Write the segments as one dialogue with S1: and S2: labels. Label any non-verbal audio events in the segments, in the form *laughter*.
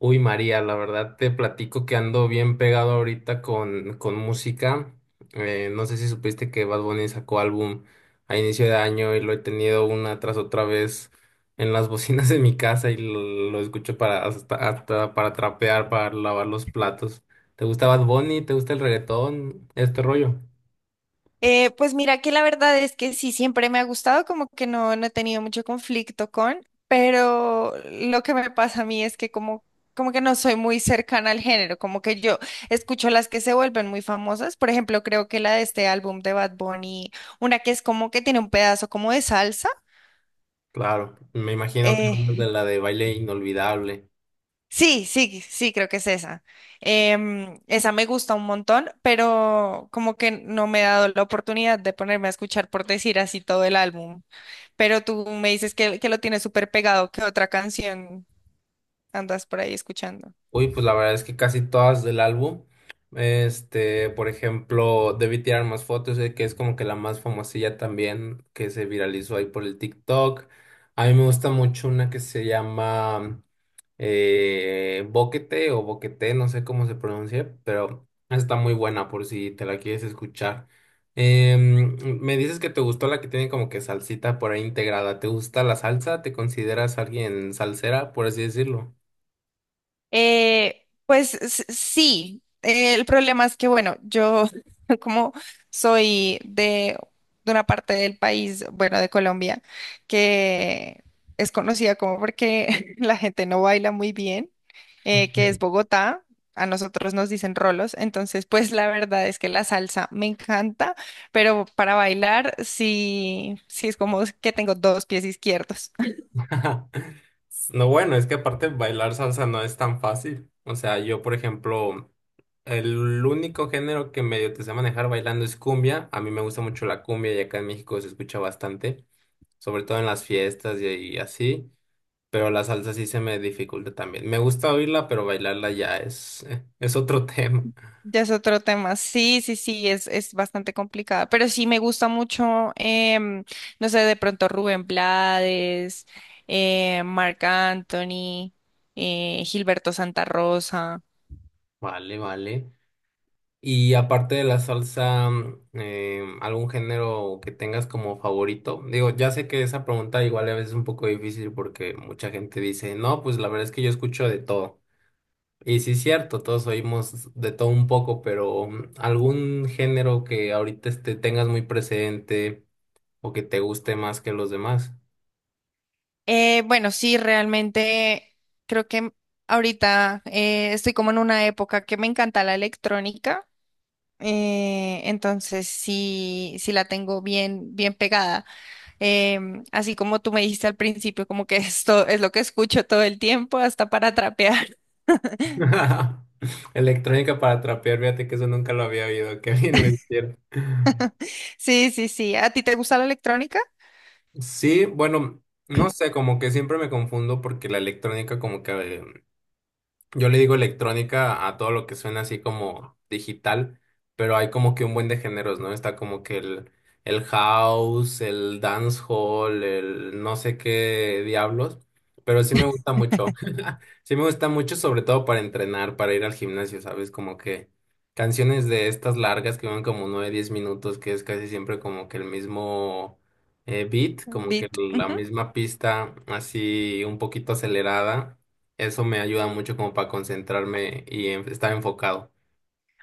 S1: Uy, María, la verdad te platico que ando bien pegado ahorita con música. No sé si supiste que Bad Bunny sacó álbum a inicio de año y lo he tenido una tras otra vez en las *laughs* bocinas de mi casa y lo escucho para hasta para trapear, para lavar los platos. ¿Te gusta Bad Bunny? ¿Te gusta el reggaetón? Este rollo.
S2: Pues mira que la verdad es que sí, siempre me ha gustado, como que no he tenido mucho conflicto con, pero lo que me pasa a mí es que como, como que no soy muy cercana al género, como que yo escucho las que se vuelven muy famosas, por ejemplo, creo que la de este álbum de Bad Bunny, una que es como que tiene un pedazo como de salsa.
S1: Claro, me imagino que hablas de
S2: eh,
S1: la de Baile Inolvidable.
S2: sí, sí, sí, creo que es esa. Esa me gusta un montón, pero como que no me he dado la oportunidad de ponerme a escuchar por decir así todo el álbum. Pero tú me dices que lo tienes súper pegado, ¿qué otra canción andas por ahí escuchando?
S1: Uy, pues la verdad es que casi todas del álbum. Este, por ejemplo, Debí Tirar Más Fotos, que es como que la más famosilla también, que se viralizó ahí por el TikTok. A mí me gusta mucho una que se llama Boquete o Boquete, no sé cómo se pronuncia, pero está muy buena por si te la quieres escuchar. Me dices que te gustó la que tiene como que salsita por ahí integrada. ¿Te gusta la salsa? ¿Te consideras alguien salsera, por así decirlo?
S2: Pues sí, el problema es que, bueno, yo *laughs* como soy de una parte del país, bueno, de Colombia, que es conocida como porque *laughs* la gente no baila muy bien, que es Bogotá. A nosotros nos dicen rolos, entonces pues la verdad es que la salsa me encanta, pero para bailar sí, sí es como que tengo dos pies izquierdos.
S1: *laughs* No, bueno, es que aparte bailar salsa no es tan fácil. O sea, yo, por ejemplo, el único género que medio te sé manejar bailando es cumbia. A mí me gusta mucho la cumbia y acá en México se escucha bastante, sobre todo en las fiestas y así. Pero la salsa sí se me dificulta también. Me gusta oírla, pero bailarla ya es, *laughs* es otro tema.
S2: Ya es otro tema. Sí, sí, sí, es bastante complicada. Pero sí me gusta mucho, no sé, de pronto Rubén Blades, Marc Anthony, Gilberto Santa Rosa.
S1: Vale, vale. Y aparte de la salsa, ¿algún género que tengas como favorito? Digo, ya sé que esa pregunta igual a veces es un poco difícil porque mucha gente dice, no, pues la verdad es que yo escucho de todo. Y sí es cierto, todos oímos de todo un poco, pero algún género que ahorita este, tengas muy presente o que te guste más que los demás.
S2: Bueno, sí, realmente creo que ahorita estoy como en una época que me encanta la electrónica. Entonces sí, sí la tengo bien, bien pegada. Así como tú me dijiste al principio, como que esto es lo que escucho todo el tiempo, hasta para trapear. *laughs*
S1: *laughs* Electrónica para trapear, fíjate que eso nunca lo había oído, que bien lo hicieron.
S2: Sí, sí, sí. ¿A ti te gusta la electrónica?
S1: Sí, bueno, no sé, como que siempre me confundo porque la electrónica, como que yo le digo electrónica a todo lo que suena así como digital, pero hay como que un buen de géneros, ¿no? Está como que el house, el dancehall, el no sé qué diablos, pero sí me gusta mucho. Sí me gusta mucho, sobre todo para entrenar, para ir al gimnasio, ¿sabes? Como que canciones de estas largas que van como 9 10 minutos, que es casi siempre como que el mismo beat, como que
S2: Beat.
S1: la misma pista así un poquito acelerada. Eso me ayuda mucho como para concentrarme y estar enfocado,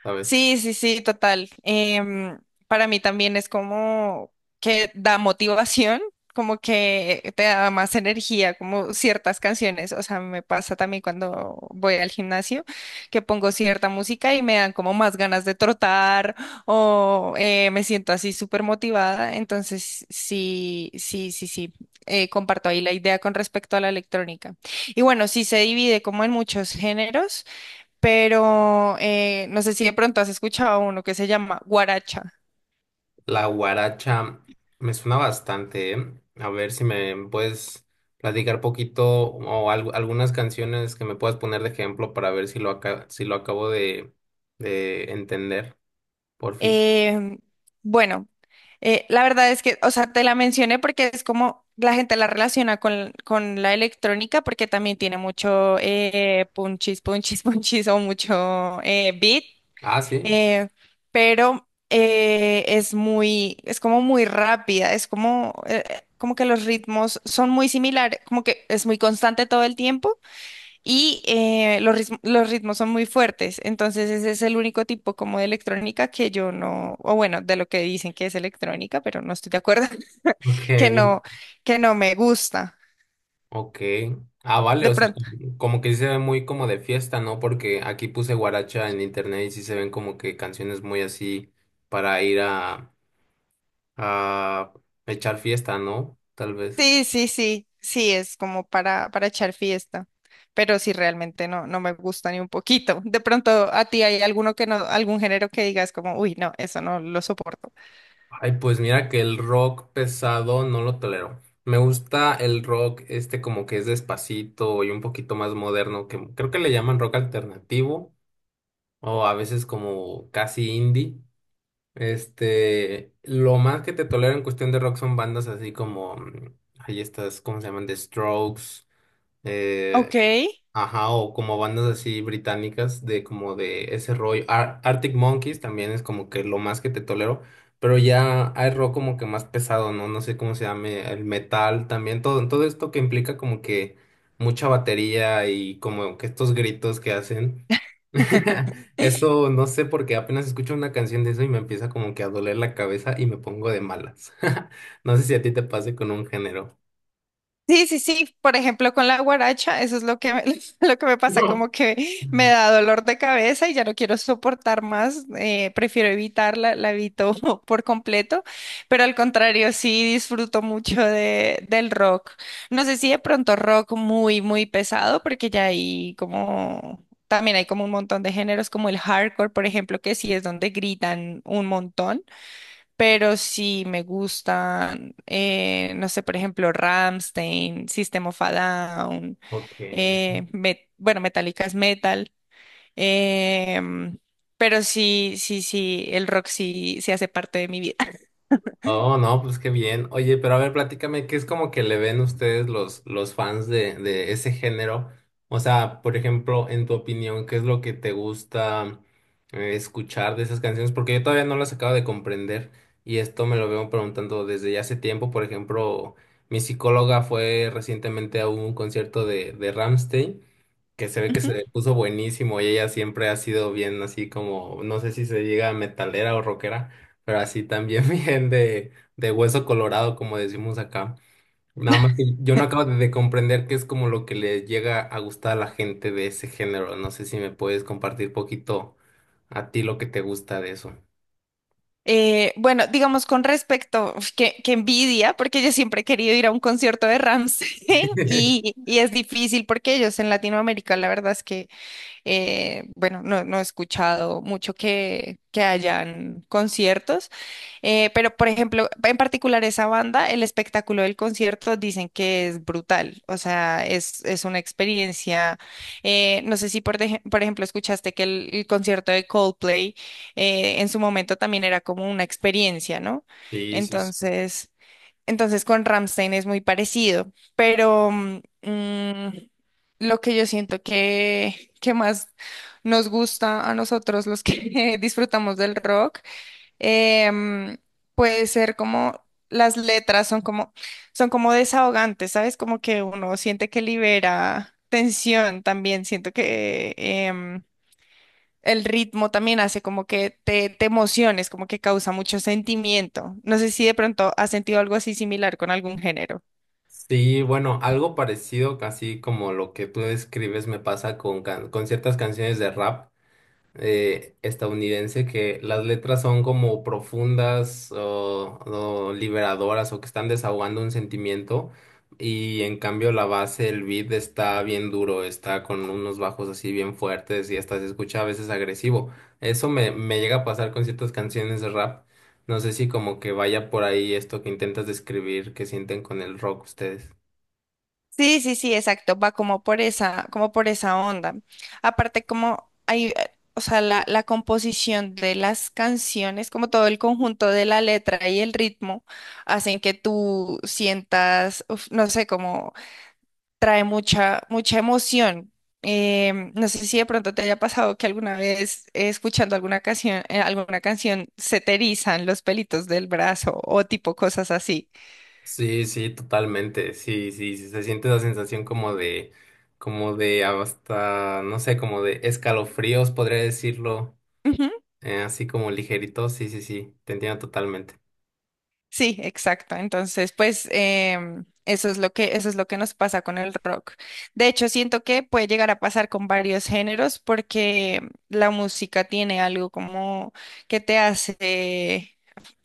S1: ¿sabes?
S2: Sí, sí, sí, total. Para mí también es como que da motivación, como que te da más energía, como ciertas canciones. O sea, me pasa también cuando voy al gimnasio, que pongo cierta música y me dan como más ganas de trotar o me siento así súper motivada. Entonces, sí, sí, sí, sí. Comparto ahí la idea con respecto a la electrónica. Y bueno, sí se divide como en muchos géneros pero no sé si de pronto has escuchado uno que se llama guaracha.
S1: La guaracha me suena bastante, ¿eh? A ver si me puedes platicar poquito o algunas canciones que me puedas poner de ejemplo para ver si lo, si lo acabo de entender, porfis.
S2: Em, bueno, la verdad es que, o sea, te la mencioné porque es como la gente la relaciona con la electrónica porque también tiene mucho punchis, punchis, *laughs* punchis o mucho beat,
S1: Ah, sí.
S2: eh, pero es muy, es como muy rápida, es como, como que los ritmos son muy similares, como que es muy constante todo el tiempo. Y los los ritmos son muy fuertes, entonces ese es el único tipo como de electrónica que yo no, o bueno, de lo que dicen que es electrónica, pero no estoy de acuerdo, *laughs* que
S1: Ok.
S2: no, que no me gusta.
S1: Ok. Ah, vale,
S2: De
S1: o sea,
S2: pronto,
S1: como como que sí se ve muy como de fiesta, ¿no? Porque aquí puse guaracha en internet y sí se ven como que canciones muy así para ir a echar fiesta, ¿no? Tal vez.
S2: sí, sí, sí, sí, es como para echar fiesta, pero sí realmente no, no me gusta ni un poquito. De pronto, a ti hay alguno que no, algún género que digas como, uy, no, eso no lo soporto.
S1: Ay, pues mira que el rock pesado no lo tolero. Me gusta el rock este como que es despacito y un poquito más moderno, que creo que le llaman rock alternativo o a veces como casi indie. Este, lo más que te tolero en cuestión de rock son bandas así como, ay, estas, ¿cómo se llaman? The Strokes, eh,
S2: Ok.
S1: ajá, o como bandas así británicas de como de ese rollo. Arctic Monkeys también es como que lo más que te tolero, pero ya hay rock como que más pesado, ¿no? No sé cómo se llame, el metal también, todo, todo esto que implica como que mucha batería y como que estos gritos que hacen.
S2: *laughs*
S1: *laughs* Eso no sé porque apenas escucho una canción de eso y me empieza como que a doler la cabeza y me pongo de malas. *laughs* No sé si a ti te pase con un género.
S2: Sí, sí, sí. Por ejemplo, con la guaracha, eso es lo que me, *laughs* lo que me
S1: *laughs*
S2: pasa,
S1: No.
S2: como que me da dolor de cabeza y ya no quiero soportar más. Prefiero evitarla, la evito *laughs* por completo. Pero al contrario, sí disfruto mucho de, del rock. No sé si de pronto rock muy, muy pesado, porque ya hay como también hay como un montón de géneros, como el hardcore, por ejemplo, que sí es donde gritan un montón. Pero sí me gustan, no sé, por ejemplo, Rammstein, System of a Down,
S1: Ok.
S2: bueno, Metallica es metal, em, pero sí, sí, sí, el rock sí, sí hace parte de mi vida. *laughs*
S1: Oh, no, pues qué bien. Oye, pero a ver, platícame, ¿qué es como que le ven ustedes los fans de ese género? O sea, por ejemplo, en tu opinión, ¿qué es lo que te gusta escuchar de esas canciones? Porque yo todavía no las acabo de comprender y esto me lo veo preguntando desde ya hace tiempo. Por ejemplo, mi psicóloga fue recientemente a un concierto de Rammstein que se ve que
S2: Ujú.
S1: se puso buenísimo y ella siempre ha sido bien así como, no sé si se diga metalera o rockera, pero así también *laughs* bien de hueso colorado, como decimos acá. Nada más que yo no acabo de comprender qué es como lo que le llega a gustar a la gente de ese género. No sé si me puedes compartir poquito a ti lo que te gusta de eso.
S2: Bueno, digamos con respecto, uf, que envidia, porque yo siempre he querido ir a un concierto de Rammstein *laughs*
S1: *laughs*
S2: y es difícil porque ellos en Latinoamérica, la verdad es que bueno, no, no he escuchado mucho que hayan conciertos, pero por ejemplo, en particular esa banda, el espectáculo del concierto dicen que es brutal, o sea, es una experiencia, no sé si por, por ejemplo escuchaste que el concierto de Coldplay en su momento también era como una experiencia, ¿no?
S1: Sí, sí, sí.
S2: Entonces... Entonces con Rammstein es muy parecido, pero lo que yo siento que más nos gusta a nosotros los que *laughs* disfrutamos del rock, em, puede ser como las letras son como desahogantes, ¿sabes? Como que uno siente que libera tensión también, siento que el ritmo también hace como que te emociones, como que causa mucho sentimiento. No sé si de pronto has sentido algo así similar con algún género.
S1: Sí, bueno, algo parecido, casi como lo que tú describes, me pasa con, con ciertas canciones de rap. Estadounidense que las letras son como profundas o liberadoras o que están desahogando un sentimiento y en cambio la base, el beat está bien duro, está con unos bajos así bien fuertes y hasta se escucha a veces agresivo. Me llega a pasar con ciertas canciones de rap. No sé si como que vaya por ahí esto que intentas describir, que sienten con el rock ustedes.
S2: Sí, sí, sí, exacto. Va como por esa onda. Aparte, como hay, o sea, la composición de las canciones, como todo el conjunto de la letra y el ritmo, hacen que tú sientas, uf, no sé, trae mucha, mucha emoción. No sé si de pronto te haya pasado que alguna vez escuchando alguna canción se te erizan los pelitos del brazo o tipo cosas así.
S1: Sí, sí, totalmente. Sí, sí, sí, se siente esa sensación como de hasta, no sé, como de escalofríos, podría decirlo,
S2: Ujú.
S1: así como ligerito. Sí, sí, sí, te entiendo totalmente.
S2: Sí, exacto. Entonces, pues eso es lo que, eso es lo que nos pasa con el rock. De hecho, siento que puede llegar a pasar con varios géneros porque la música tiene algo como que te hace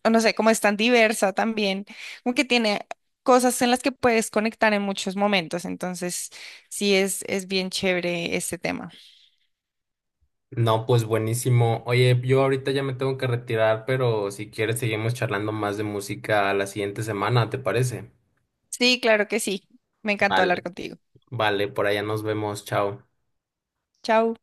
S2: o no sé, como es tan diversa también, como que tiene cosas en las que puedes conectar en muchos momentos, entonces sí es bien chévere este tema.
S1: No, pues buenísimo. Oye, yo ahorita ya me tengo que retirar, pero si quieres seguimos charlando más de música la siguiente semana, ¿te parece?
S2: Sí, claro que sí, me encantó hablar
S1: Vale.
S2: contigo.
S1: Vale, por allá nos vemos, chao.
S2: Chao.